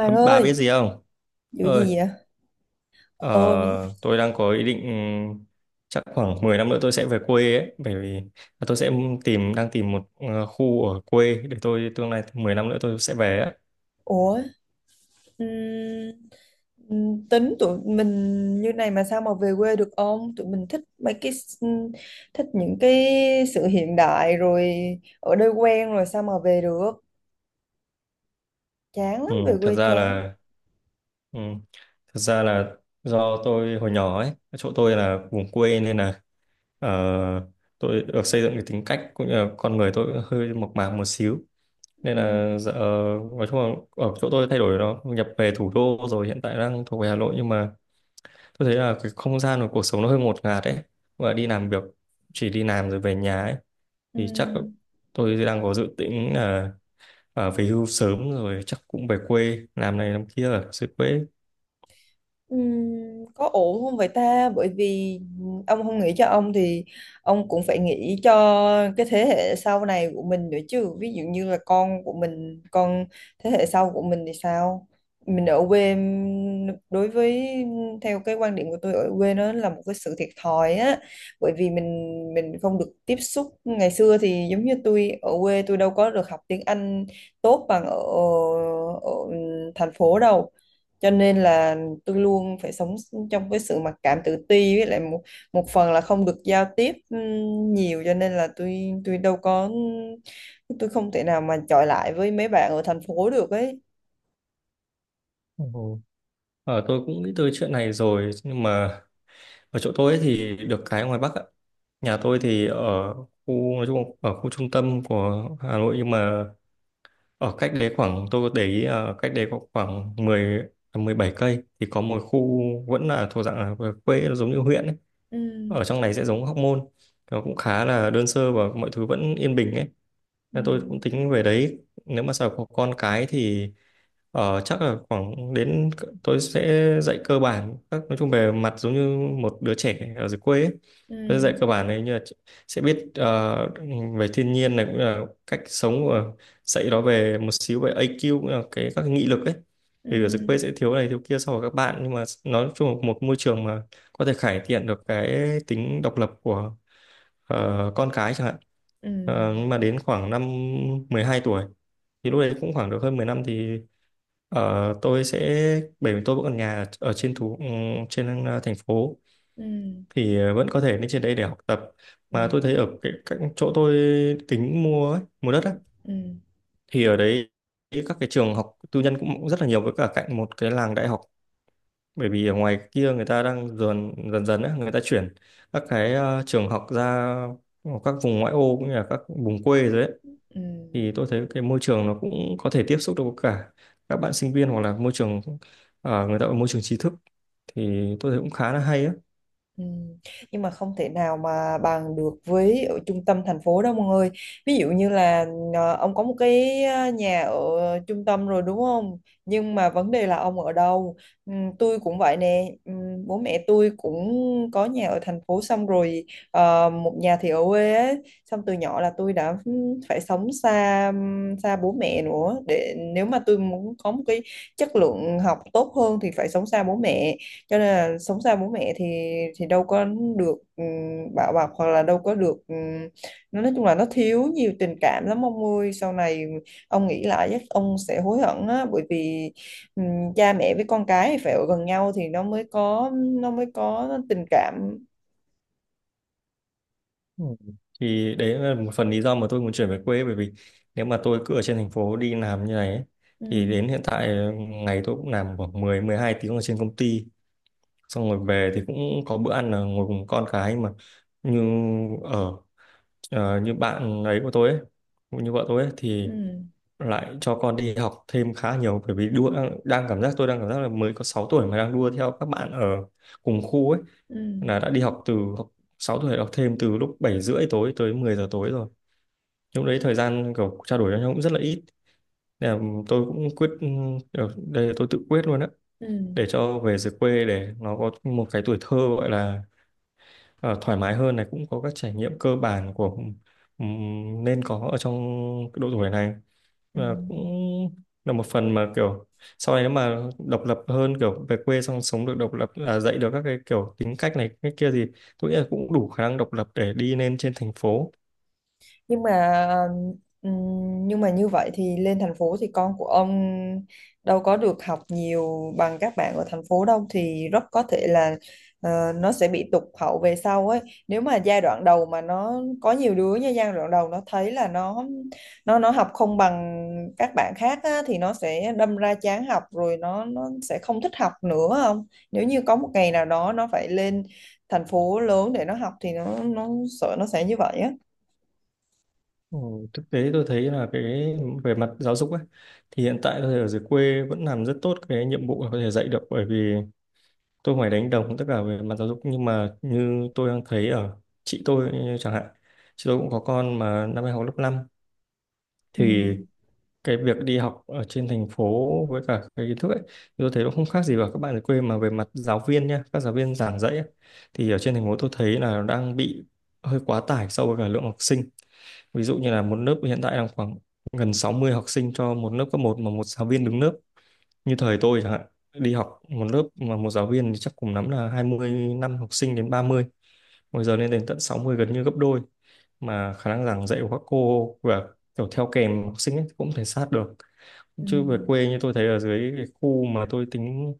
À, bà biết ơi, gì không? vụ Ơi, gì vậy? ờ, Ôi, tôi đang có ý định chắc khoảng 10 năm nữa tôi sẽ về quê ấy, bởi vì tôi sẽ đang tìm một khu ở quê để tôi tương lai 10 năm nữa tôi sẽ về ấy. ủa, ừm, tính tụi mình như này mà sao mà về quê được ông? Tụi mình thích thích những cái sự hiện đại rồi ở đây quen rồi sao mà về được? Chán Ừ, lắm, về thật quê ra chán. là ừ, thật ra là do tôi hồi nhỏ ấy, chỗ tôi là vùng quê nên là ờ, tôi được xây dựng cái tính cách cũng như là con người tôi cũng hơi mộc mạc một xíu. Nên Ừm, là dạ, nói chung là ở chỗ tôi thay đổi nó nhập về thủ đô rồi hiện tại đang thuộc về Hà Nội, nhưng mà tôi thấy là cái không gian của cuộc sống nó hơi ngột ngạt ấy và đi làm việc, chỉ đi làm rồi về nhà ấy thì chắc ừm. tôi đang có dự tính là về hưu sớm rồi chắc cũng về quê làm này làm kia ở dưới quê. Có ổn không vậy ta? Bởi vì ông không nghĩ cho ông thì ông cũng phải nghĩ cho cái thế hệ sau này của mình nữa chứ. Ví dụ như là con của mình, con thế hệ sau của mình thì sao? Mình ở quê đối với theo cái quan điểm của tôi ở quê nó là một cái sự thiệt thòi á. Bởi vì mình không được tiếp xúc ngày xưa thì giống như tôi ở quê tôi đâu có được học tiếng Anh tốt bằng ở ở thành phố đâu, cho nên là tôi luôn phải sống trong cái sự mặc cảm tự ti, với lại một một phần là không được giao tiếp nhiều cho nên là tôi đâu có, ừ, tôi không thể nào mà chọi lại với mấy bạn ở thành phố được ấy. Ồ. Ờ, tôi cũng nghĩ tới chuyện này rồi, nhưng mà ở chỗ tôi ấy thì được cái ngoài Bắc ạ, nhà tôi thì ở khu nói chung là ở khu trung tâm của Hà Nội, nhưng mà ở cách đấy khoảng, tôi có để ý cách đấy có khoảng mười mười bảy cây thì có một khu vẫn là thuộc dạng là quê, nó giống như huyện ấy. Ừ, Ở trong này sẽ giống Hóc Môn. Nó cũng khá là đơn sơ và mọi thứ vẫn yên bình ấy. ừ, Thế tôi cũng tính về đấy, nếu mà sau có con cái thì chắc là khoảng đến tôi sẽ dạy cơ bản các, nói chung về mặt giống như một đứa trẻ ở dưới quê ấy. Tôi dạy ừ, cơ bản này, như là sẽ biết về thiên nhiên này cũng là cách sống, và dạy nó về một xíu về IQ cũng là cái các cái nghị lực ấy, ừ, vì ở dưới quê sẽ thiếu này thiếu kia so với các bạn, nhưng mà nói chung là một môi trường mà có thể cải thiện được cái tính độc lập của con cái chẳng hạn. ừ, Ờ, nhưng mà đến khoảng năm 12 tuổi thì lúc đấy cũng khoảng được hơn 10 năm thì tôi sẽ, bởi vì tôi vẫn còn nhà ở, ở trên thủ trên thành phố ừ, thì vẫn có thể lên trên đấy để học tập, ừ, mà tôi thấy ở cái, các chỗ tôi tính mua ấy, mua đất á, ừ, thì ở đấy các cái trường học tư nhân cũng rất là nhiều, với cả cạnh một cái làng đại học, bởi vì ở ngoài kia người ta đang dần dần dần á, người ta chuyển các cái trường học ra các vùng ngoại ô cũng như là các vùng quê rồi đấy, ừ. thì tôi thấy cái môi trường nó cũng có thể tiếp xúc được với cả các bạn sinh viên, hoặc là môi trường ở người ta ở môi trường trí thức, thì tôi thấy cũng khá là hay á. Ừ. Nhưng mà không thể nào mà bằng được với ở trung tâm thành phố đâu mọi người. Ví dụ như là ông có một cái nhà ở trung tâm rồi đúng không? Nhưng mà vấn đề là ông ở đâu? Ừ, tôi cũng vậy nè. Ừ, bố mẹ tôi cũng có nhà ở thành phố xong rồi một nhà thì ở quê ấy. Xong từ nhỏ là tôi đã phải sống xa xa bố mẹ nữa, để nếu mà tôi muốn có một cái chất lượng học tốt hơn thì phải sống xa bố mẹ, cho nên là sống xa bố mẹ thì đâu có được bảo bọc, hoặc là đâu có được nó nói chung là nó thiếu nhiều tình cảm lắm ông ơi. Sau này ông nghĩ lại chắc ông sẽ hối hận á, bởi vì cha mẹ với con cái thì phải ở gần nhau thì nó mới có tình cảm. Ừ. Thì đấy là một phần lý do mà tôi muốn chuyển về quê, bởi vì nếu mà tôi cứ ở trên thành phố đi làm như này ấy, thì Ừm, đến hiện tại ngày tôi cũng làm khoảng mười mười hai tiếng ở trên công ty, xong rồi về thì cũng có bữa ăn là ngồi cùng con cái, mà như ở như bạn ấy của tôi ấy, cũng như vợ tôi ấy, thì ừm, lại cho con đi học thêm khá nhiều, bởi vì đua đang, đang cảm giác tôi đang cảm giác là mới có 6 tuổi mà đang đua theo các bạn ở cùng khu ấy, ừm, là đã đi học từ 6 tuổi, học thêm từ lúc 7 rưỡi tối tới 10 giờ tối rồi, lúc đấy thời gian kiểu trao đổi với nhau cũng rất là ít, nên là tôi cũng đây là tôi tự quyết luôn á, ừm, để cho về dưới quê để nó có một cái tuổi thơ gọi là thoải mái hơn này, cũng có các trải nghiệm cơ bản của nên có ở trong độ tuổi này. Và cũng ừm. là một phần mà kiểu sau này nếu mà độc lập hơn, kiểu về quê xong sống được độc lập, à, dạy được các cái kiểu tính cách này cái kia thì tôi nghĩ là cũng đủ khả năng độc lập để đi lên trên thành phố. Nhưng mà như vậy thì lên thành phố thì con của ông đâu có được học nhiều bằng các bạn ở thành phố đâu, thì rất có thể là nó sẽ bị tụt hậu về sau ấy. Nếu mà giai đoạn đầu mà nó có nhiều đứa, như giai đoạn đầu nó thấy là nó học không bằng các bạn khác á, thì nó sẽ đâm ra chán học rồi nó sẽ không thích học nữa. Không, nếu như có một ngày nào đó nó phải lên thành phố lớn để nó học thì nó sợ nó sẽ như vậy á. Ừ, thực tế tôi thấy là cái về mặt giáo dục ấy thì hiện tại tôi thấy ở dưới quê vẫn làm rất tốt cái nhiệm vụ là có thể dạy được, bởi vì tôi không phải đánh đồng tất cả về mặt giáo dục, nhưng mà như tôi đang thấy ở chị tôi chẳng hạn, chị tôi cũng có con mà năm nay học lớp năm, Ừ. thì cái việc đi học ở trên thành phố với cả cái kiến thức ấy, tôi thấy nó không khác gì vào các bạn ở quê, mà về mặt giáo viên nha, các giáo viên giảng dạy ấy, thì ở trên thành phố tôi thấy là nó đang bị hơi quá tải so với cả lượng học sinh, ví dụ như là một lớp hiện tại đang khoảng gần 60 học sinh cho một lớp cấp một, mà một giáo viên đứng lớp, như thời tôi chẳng hạn đi học, một lớp mà một giáo viên thì chắc cùng lắm là hai mươi năm học sinh đến 30, bây giờ lên đến tận sáu mươi, gần như gấp đôi, mà khả năng giảng dạy của các cô và kiểu theo kèm học sinh ấy cũng thể sát được. Ừ, Chứ về quê như tôi thấy ở dưới cái khu mà tôi tính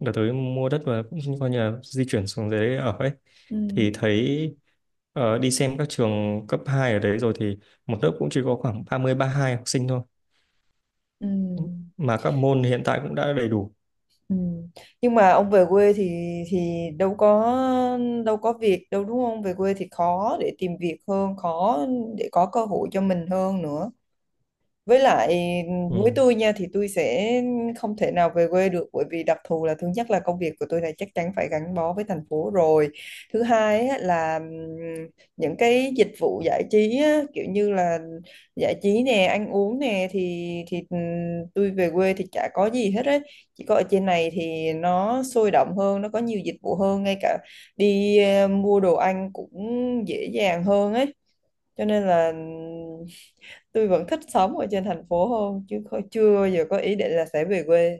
đợt tới mua đất, và cũng coi như là di chuyển xuống dưới ở ấy, ừ, thì thấy đi xem các trường cấp 2 ở đấy rồi thì một lớp cũng chỉ có khoảng 30 hai học sinh thôi, ừ, mà các môn hiện tại cũng đã đầy đủ. ừ. Nhưng mà ông về quê thì thì đâu có đâu có việc đâu đúng không? Về quê thì khó để tìm việc hơn, khó để có cơ hội cho mình hơn nữa. Với lại với Ừ. tôi nha thì tôi sẽ không thể nào về quê được, bởi vì đặc thù là thứ nhất là công việc của tôi này chắc chắn phải gắn bó với thành phố rồi. Thứ hai á, là những cái dịch vụ giải trí á, kiểu như là giải trí nè, ăn uống nè, thì tôi về quê thì chả có gì hết ấy. Chỉ có ở trên này thì nó sôi động hơn, nó có nhiều dịch vụ hơn, ngay cả đi mua đồ ăn cũng dễ dàng hơn ấy. Cho nên là tôi vẫn thích sống ở trên thành phố hơn chứ không, chưa bao giờ có ý định là sẽ về quê.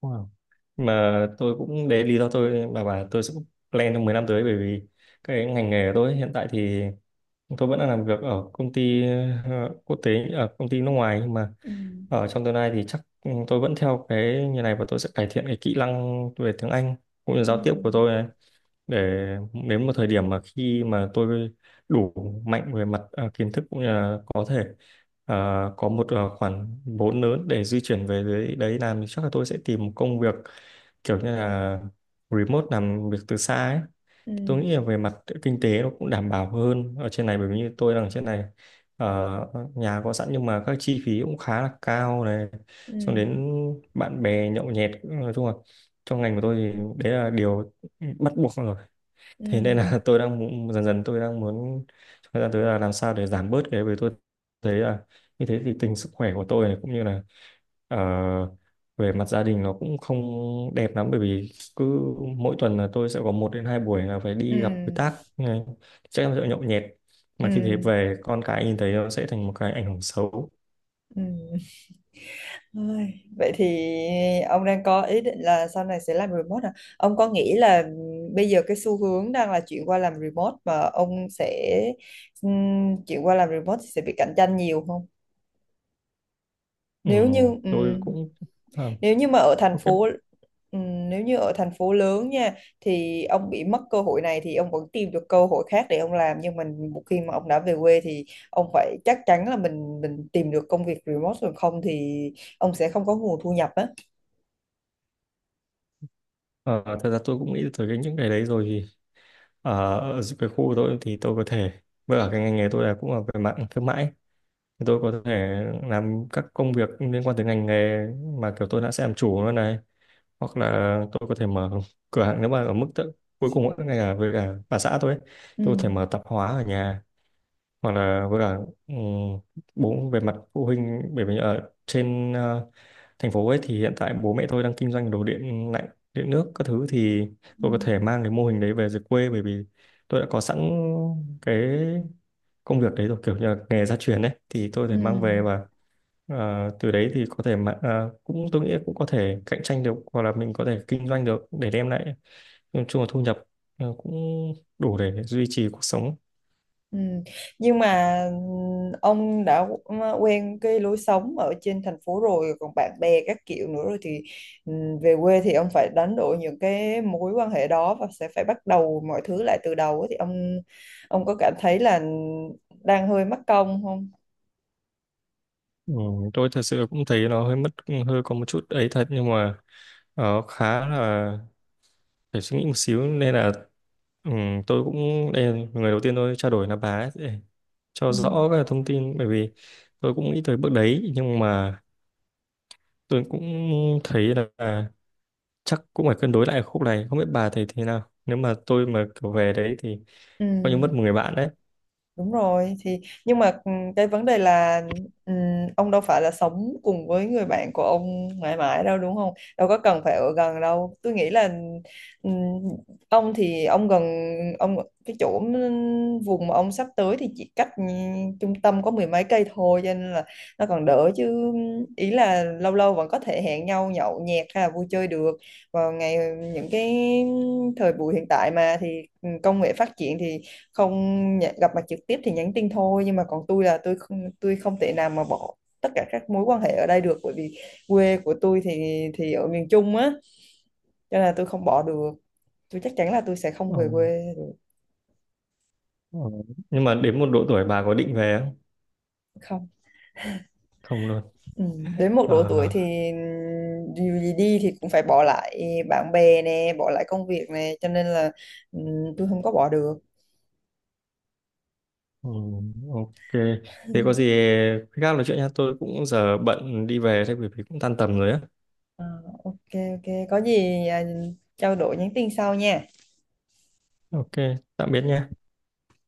Wow. Mà tôi cũng đấy là lý do tôi mà bảo tôi sẽ plan trong 10 năm tới, bởi vì cái ngành nghề của tôi hiện tại thì tôi vẫn đang làm việc ở công ty quốc tế, ở công ty nước ngoài, nhưng mà Ừ, ở trong tương lai thì chắc ừ, tôi vẫn theo cái như này và tôi sẽ cải thiện cái kỹ năng về tiếng Anh cũng như ừ, giao tiếp của tôi, để đến một thời điểm mà khi mà tôi đủ mạnh về mặt à, kiến thức, cũng như là có thể à, có một à, khoản vốn lớn để di chuyển về dưới đấy làm, thì chắc là tôi sẽ tìm một công việc kiểu như là remote, làm việc từ xa ấy. ừ, Thì tôi nghĩ là về mặt kinh tế nó cũng đảm bảo hơn ở trên này, bởi vì như tôi đang ở trên này ờ, nhà có sẵn nhưng mà các chi phí cũng khá là cao này, ừ, xong đến bạn bè nhậu nhẹt, nói chung là trong ngành của tôi thì đấy là điều bắt buộc rồi, ừ, thế nên là tôi đang muốn, dần dần tôi đang muốn trong thời gian tới là làm sao để giảm bớt cái, bởi tôi thấy là như thế thì tình sức khỏe của tôi này cũng như là ờ, về mặt gia đình nó cũng không đẹp lắm, bởi vì cứ mỗi tuần là tôi sẽ có một đến hai buổi là phải đi gặp đối ừ, tác như này, chắc là sẽ nhậu nhẹt, ừ, mà khi thế về con cái nhìn thấy, nó sẽ thành một cái ảnh hưởng xấu. ừ. Ôi, vậy thì ông đang có ý định là sau này sẽ làm remote à? Ông có nghĩ là bây giờ cái xu hướng đang là chuyển qua làm remote, mà ông sẽ chuyển qua làm remote thì sẽ bị cạnh tranh nhiều không? Ừ, Nếu như ừ, tôi cũng à, nếu như mà ở thành ok. phố, nếu như ở thành phố lớn nha, thì ông bị mất cơ hội này thì ông vẫn tìm được cơ hội khác để ông làm, nhưng mình một khi mà ông đã về quê thì ông phải chắc chắn là mình tìm được công việc remote rồi, không thì ông sẽ không có nguồn thu nhập á. Ờ, thật ra tôi cũng nghĩ tới cái những cái đấy rồi thì ờ, ở cái khu của tôi thì tôi có thể, với cả cái ngành nghề tôi là cũng là về mạng thương mại, thì tôi có thể làm các công việc liên quan tới ngành nghề mà kiểu tôi đã sẽ làm chủ nó này, hoặc là tôi có thể mở cửa hàng nếu mà ở mức tự, cuối cùng ấy, ngay cả với cả bà xã tôi ấy, tôi có thể Ừ. mở tạp hóa ở nhà, hoặc là với cả ừm, bố về mặt phụ huynh, bởi vì ở trên thành phố ấy thì hiện tại bố mẹ tôi đang kinh doanh đồ điện lạnh, điện nước các thứ, thì Ừ. tôi có thể mang cái mô hình đấy về dưới quê, bởi vì tôi đã có sẵn cái công việc đấy rồi, kiểu như là nghề gia truyền đấy, thì tôi có Ừ. thể mang về và từ đấy thì có thể mà cũng tôi nghĩ cũng có thể cạnh tranh được, hoặc là mình có thể kinh doanh được để đem lại nói chung là thu nhập cũng đủ để duy trì cuộc sống. Ừ. Nhưng mà ừ, ông đã ừ, quen cái lối sống ở trên thành phố rồi, còn bạn bè các kiểu nữa, rồi thì ừ, về quê thì ông phải đánh đổi những cái mối quan hệ đó và sẽ phải bắt đầu mọi thứ lại từ đầu ấy. Thì ông có cảm thấy là đang hơi mất công không? Ừ, tôi thật sự cũng thấy nó hơi mất, hơi có một chút ấy thật, nhưng mà khá là phải suy nghĩ một xíu, nên là ừ, tôi cũng đây là người đầu tiên tôi trao đổi là bà ấy, để cho Ừ. rõ các thông tin, bởi vì tôi cũng nghĩ tới bước đấy, nhưng mà tôi cũng thấy là chắc cũng phải cân đối lại khúc này, không biết bà thấy thế nào, nếu mà tôi mà kiểu về đấy thì Ừ. coi như mất một người bạn đấy. Đúng rồi thì nhưng mà ừ, cái vấn đề là ừ, ông đâu phải là sống cùng với người bạn của ông mãi mãi đâu đúng không? Đâu có cần phải ở gần đâu. Tôi nghĩ là ừ, ông thì ông gần, ông cái chỗ vùng mà ông sắp tới thì chỉ cách ừ, trung tâm có mười mấy cây thôi, cho nên là nó còn đỡ chứ, ý là lâu lâu vẫn có thể hẹn nhau nhậu nhẹt hay là vui chơi được. Vào ngày những cái thời buổi hiện tại mà thì ừ, công nghệ phát triển thì không gặp mặt trực tiếp thì nhắn tin thôi. Nhưng mà còn tôi là tôi không thể nào mà bỏ tất cả các mối quan hệ ở đây được, bởi vì quê của tôi thì ở miền Trung á, cho nên là tôi không bỏ được, tôi chắc chắn là tôi sẽ không Ờ, về quê được. ờ. Nhưng mà đến một độ tuổi bà có định về không? Không, Không luôn. ừ. Đến một độ tuổi Ờ, thì dù gì đi thì cũng phải bỏ lại bạn bè nè, bỏ lại công việc nè, cho nên là ừ, tôi không có bỏ được. ừ, ok. Thế có gì khi khác nói chuyện nha, tôi cũng giờ bận đi về thôi bởi vì cũng tan tầm rồi á. Ờ, ok, ok, có gì à, trao đổi nhắn tin sau nha. Ok, tạm biệt nha.